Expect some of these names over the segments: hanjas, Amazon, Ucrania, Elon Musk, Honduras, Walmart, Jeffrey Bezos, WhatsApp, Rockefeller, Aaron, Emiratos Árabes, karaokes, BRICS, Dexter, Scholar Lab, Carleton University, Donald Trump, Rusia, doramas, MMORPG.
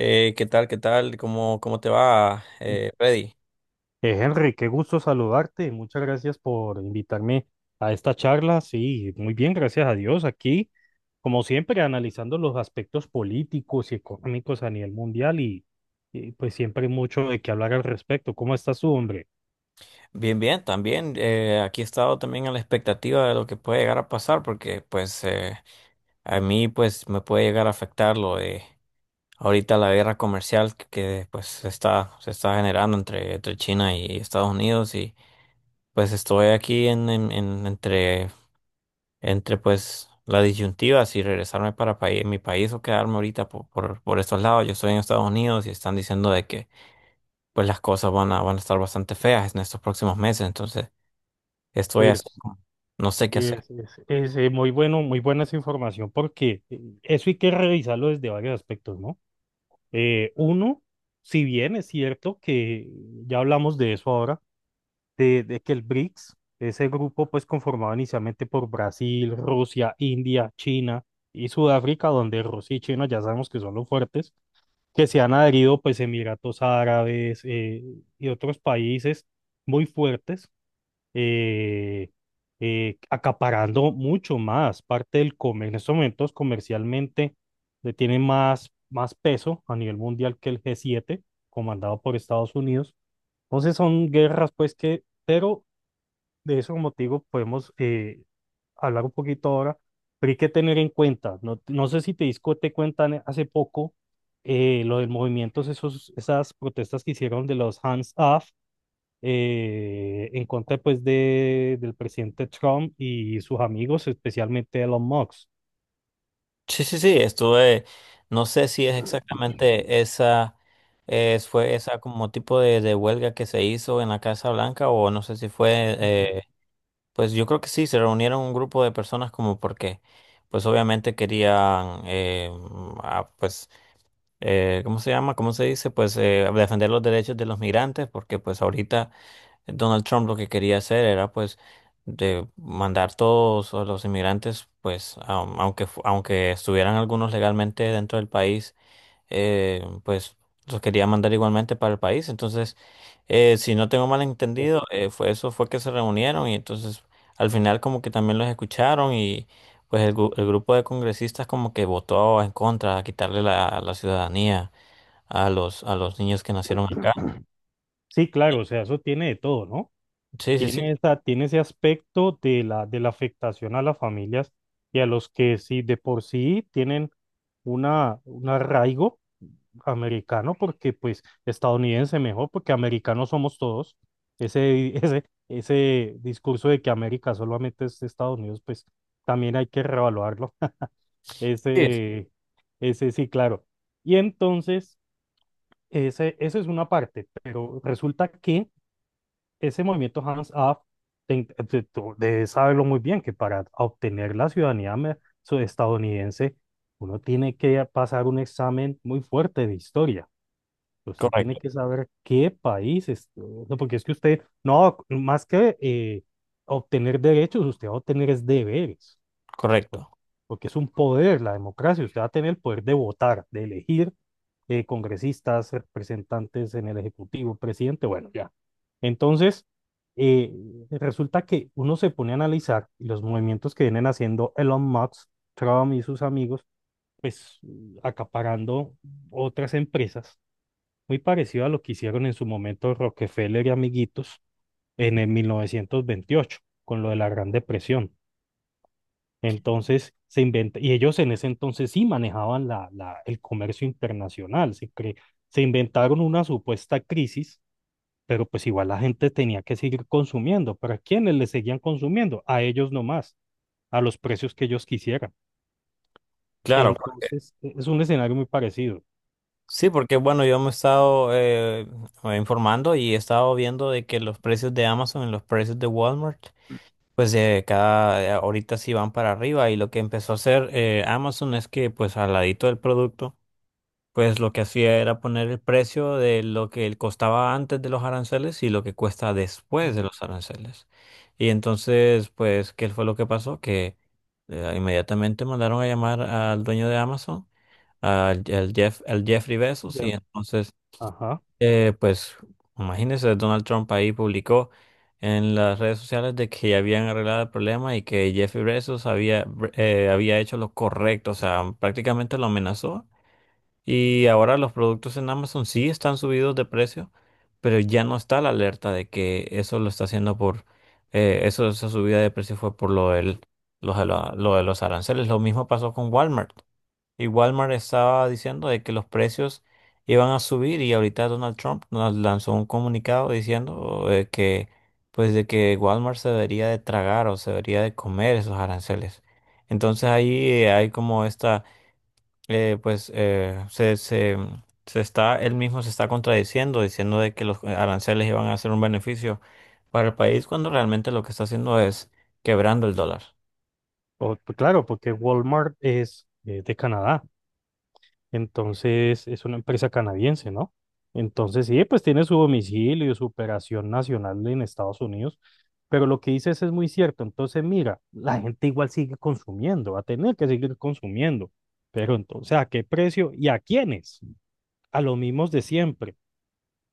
¿Qué tal? ¿Qué tal? ¿Cómo te va, Eh, Freddy? Henry, qué gusto saludarte. Muchas gracias por invitarme a esta charla. Sí, muy bien, gracias a Dios. Aquí, como siempre, analizando los aspectos políticos y económicos a nivel mundial y, pues siempre hay mucho de qué hablar al respecto. ¿Cómo estás tú, hombre? Bien, bien, también. Aquí he estado también a la expectativa de lo que puede llegar a pasar, porque pues a mí pues me puede llegar a afectar lo de ahorita la guerra comercial que pues se está generando entre China y Estados Unidos y pues estoy aquí entre pues la disyuntiva si regresarme para mi país o quedarme ahorita por estos lados. Yo estoy en Estados Unidos y están diciendo de que pues las cosas van a estar bastante feas en estos próximos meses. Entonces, estoy Pues así, es, como, no sé qué hacer. es- es, eh, muy bueno, muy buena esa información porque eso hay que revisarlo desde varios aspectos, ¿no? Uno, si bien es cierto que ya hablamos de eso ahora de que el BRICS, ese grupo pues conformado inicialmente por Brasil, Rusia, India, China y Sudáfrica, donde Rusia y China ya sabemos que son los fuertes, que se han adherido pues Emiratos Árabes y otros países muy fuertes, eh, acaparando mucho más parte del comercio. En estos momentos comercialmente le tienen más peso a nivel mundial que el g siete comandado por Estados Unidos. Entonces son guerras pues que, pero de eso, como te digo, podemos hablar un poquito ahora, pero hay que tener en cuenta, no, no sé si te disco te cuentan hace poco lo del movimiento, esos, esas protestas que hicieron de los hands off en contra pues de, del presidente Trump y sus amigos, especialmente Elon Musk. Sí, sí, sí, estuve, no sé si es exactamente esa, fue esa como tipo de huelga que se hizo en la Casa Blanca o no sé si fue, Ujú. Pues yo creo que sí, se reunieron un grupo de personas como porque, pues obviamente querían, ah, pues, ¿cómo se llama? ¿Cómo se dice? Pues defender los derechos de los migrantes porque pues ahorita Donald Trump lo que quería hacer era pues de mandar todos a los inmigrantes, pues aunque estuvieran algunos legalmente dentro del país, pues los quería mandar igualmente para el país. Entonces, si no tengo mal entendido, fue que se reunieron y entonces al final como que también los escucharon y pues el grupo de congresistas como que votó en contra, a quitarle la ciudadanía a los niños que nacieron acá. Sí, claro, o sea, eso tiene de todo, ¿no? Sí, sí, sí, Tiene esa, tiene ese aspecto de la afectación a las familias y a los que sí de por sí tienen una, un arraigo americano, porque pues estadounidense mejor, porque americanos somos todos. Ese, ese discurso de que América solamente es Estados Unidos, pues también hay que reevaluarlo. sí, Ese, ese sí, claro. Y entonces, ese, esa es una parte, pero resulta que ese movimiento hands-off, tú debes saberlo muy bien, que para obtener la ciudadanía estadounidense, uno tiene que pasar un examen muy fuerte de historia. Usted tiene correcto, que saber qué país es, o sea, porque es que usted, no, más que obtener derechos, usted va a obtener es deberes por- correcto. porque es un poder la democracia. Usted va a tener el poder de votar, de elegir congresistas, representantes en el Ejecutivo, presidente, bueno, ya. Entonces, eh, resulta que uno se pone a analizar y los movimientos que vienen haciendo Elon Musk, Trump y sus amigos, pues acaparando otras empresas, muy parecido a lo que hicieron en su momento Rockefeller y amiguitos en el 1928, con lo de la Gran Depresión. Entonces se inventa, y ellos en ese entonces sí manejaban el comercio internacional, se inventaron una supuesta crisis, pero pues igual la gente tenía que seguir consumiendo. ¿Para quiénes le seguían consumiendo? A ellos nomás, a los precios que ellos quisieran. Claro, Entonces es un escenario muy parecido. sí, porque bueno, yo me he estado informando y he estado viendo de que los precios de Amazon y los precios de Walmart, pues cada ahorita sí van para arriba y lo que empezó a hacer Amazon es que pues al ladito del producto pues lo que hacía era poner el precio de lo que él costaba antes de los aranceles y lo que cuesta después Mm. de los aranceles. Y entonces, pues, ¿qué fue lo que pasó? Que inmediatamente mandaron a llamar al dueño de Amazon, al Jeffrey Bezos, y Ya. entonces, Ajá. eh, pues, imagínense, Donald Trump ahí publicó en las redes sociales de que ya habían arreglado el problema y que Jeffrey Bezos había hecho lo correcto, o sea, prácticamente lo amenazó y ahora los productos en Amazon sí están subidos de precio, pero ya no está la alerta de que eso lo está haciendo por, esa subida de precio fue por lo de lo de los aranceles. Lo mismo pasó con Walmart. Y Walmart estaba diciendo de que los precios iban a subir y ahorita Donald Trump nos lanzó un comunicado diciendo pues de que Walmart se debería de tragar o se debería de comer esos aranceles. Entonces ahí hay como esta pues se, se, se está, él mismo se está contradiciendo, diciendo de que los aranceles iban a ser un beneficio para el país cuando realmente lo que está haciendo es quebrando el dólar. Pues claro, porque Walmart es de Canadá. Entonces, es una empresa canadiense, ¿no? Entonces, sí, pues tiene su domicilio, su operación nacional en Estados Unidos, pero lo que dices es muy cierto. Entonces, mira, la gente igual sigue consumiendo, va a tener que seguir consumiendo, pero entonces, ¿a qué precio y a quiénes? A los mismos de siempre.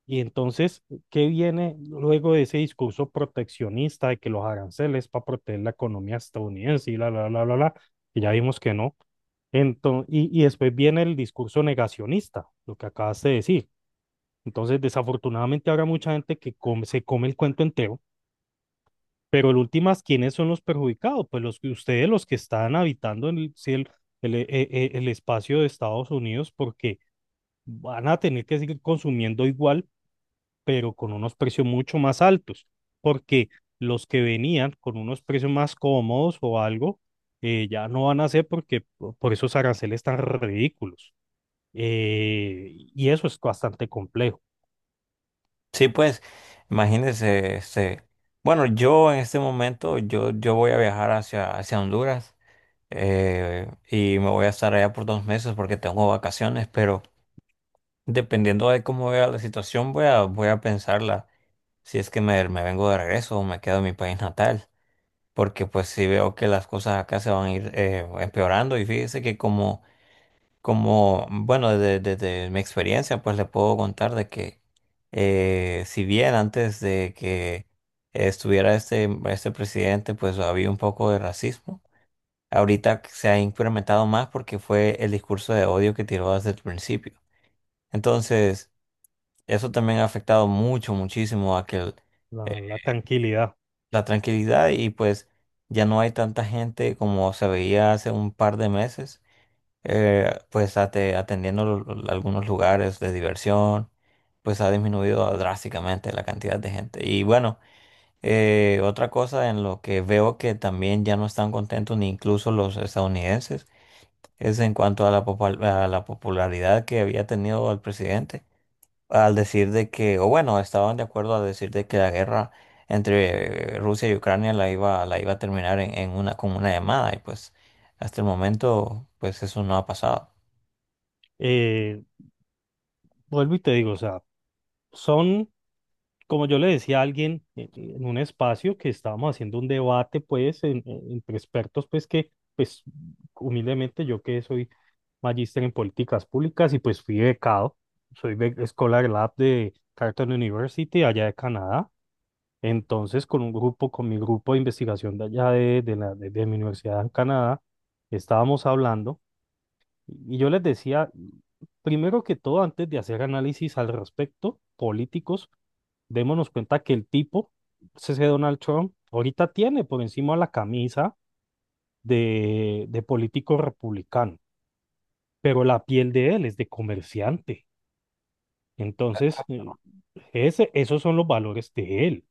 Y entonces, ¿qué viene luego de ese discurso proteccionista de que los aranceles para proteger la economía estadounidense y que ya vimos que no? Entonces, y después viene el discurso negacionista, lo que acabas de decir. Entonces, desafortunadamente habrá mucha gente que se come el cuento entero, pero en últimas, ¿quiénes son los perjudicados? Pues los que ustedes, los que están habitando en el, sí, el, e- e- el espacio de Estados Unidos, porque van a tener que seguir consumiendo igual pero con unos precios mucho más altos, porque los que venían con unos precios más cómodos o algo, ya no van a ser porque por esos aranceles tan ridículos. Y eso es bastante complejo. Sí, pues, imagínense, este, bueno, yo en este momento, yo voy a viajar hacia Honduras y me voy a estar allá por dos meses porque tengo vacaciones, pero dependiendo de cómo vea la situación, voy a pensarla si es que me vengo de regreso o me quedo en mi país natal. Porque pues sí veo que las cosas acá se van a ir empeorando y fíjese que como, como bueno, desde mi experiencia pues le puedo contar de que si bien antes de que estuviera este presidente pues había un poco de racismo, ahorita se ha incrementado más porque fue el discurso de odio que tiró desde el principio. Entonces, eso también ha afectado mucho, muchísimo a La tranquilidad. la tranquilidad y pues ya no hay tanta gente como se veía hace un par de meses, atendiendo algunos lugares de diversión, pues ha disminuido drásticamente la cantidad de gente. Y bueno, otra cosa en lo que veo que también ya no están contentos ni incluso los estadounidenses es en cuanto a a la popularidad que había tenido el presidente al decir de que, o bueno, estaban de acuerdo al decir de que la guerra entre Rusia y Ucrania la iba a terminar en con una llamada y pues hasta el momento pues eso no ha pasado. Eh, vuelvo y te digo, o sea, son como yo le decía a alguien en un espacio que estábamos haciendo un debate, pues, entre expertos, pues, que, pues, humildemente yo que soy magíster en políticas públicas y pues fui becado, Scholar Lab de Carleton University, allá de Canadá. Entonces, con un grupo, con mi grupo de investigación de allá de de mi universidad en Canadá, estábamos hablando y yo les decía, primero que todo, antes de hacer análisis al respecto, políticos, démonos cuenta que el tipo, ese Donald Trump, ahorita tiene por encima la camisa de político republicano, pero la piel de él es de comerciante. Entonces, ese, esos son los valores de él.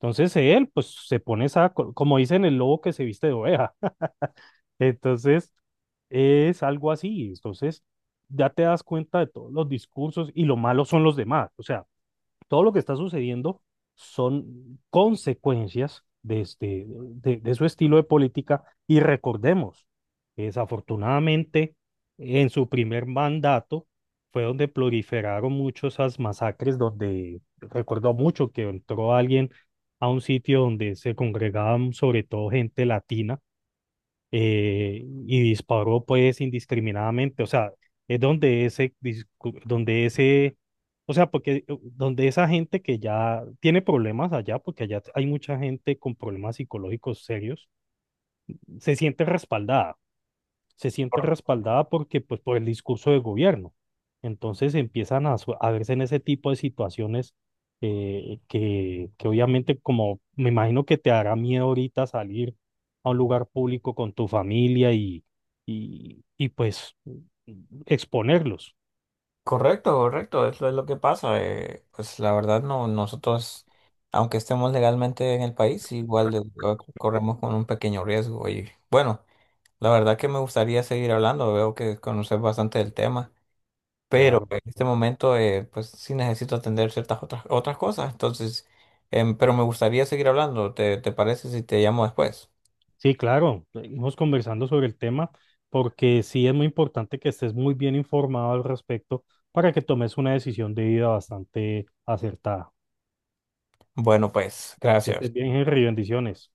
Entonces, él, pues, se pone esa, como dicen, el lobo que se viste de oveja. Entonces, es algo así. Entonces, ya te das cuenta de todos los discursos y lo malo son los demás. O sea, todo lo que está sucediendo son consecuencias de, este, de su estilo de política y recordemos, que desafortunadamente, en su primer mandato fue donde proliferaron mucho esas masacres, donde recordó mucho que entró alguien a un sitio donde se congregaban sobre todo gente latina y disparó pues indiscriminadamente, o sea, es donde ese, donde ese, o sea, porque donde esa gente que ya tiene problemas allá, porque allá hay mucha gente con problemas psicológicos serios, se siente respaldada, se siente respaldada porque, pues, por el discurso del gobierno. Entonces empiezan a, a verse en ese tipo de situaciones que obviamente, como me imagino que te hará miedo ahorita salir a un lugar público con tu familia y, y pues exponerlos. Correcto, correcto, es es lo que pasa. Pues la verdad no, nosotros, aunque estemos legalmente en el país, igual corremos con un pequeño riesgo. Y bueno, la verdad que me gustaría seguir hablando, veo que conoces bastante del tema. Pero Claro. en este momento pues sí necesito atender ciertas otras cosas, entonces, pero me gustaría seguir hablando, te parece si te llamo después? Sí, claro. Seguimos conversando sobre el tema porque sí es muy importante que estés muy bien informado al respecto para que tomes una decisión de vida bastante acertada. Bueno, pues, Que estés gracias. bien, Henry. Bendiciones.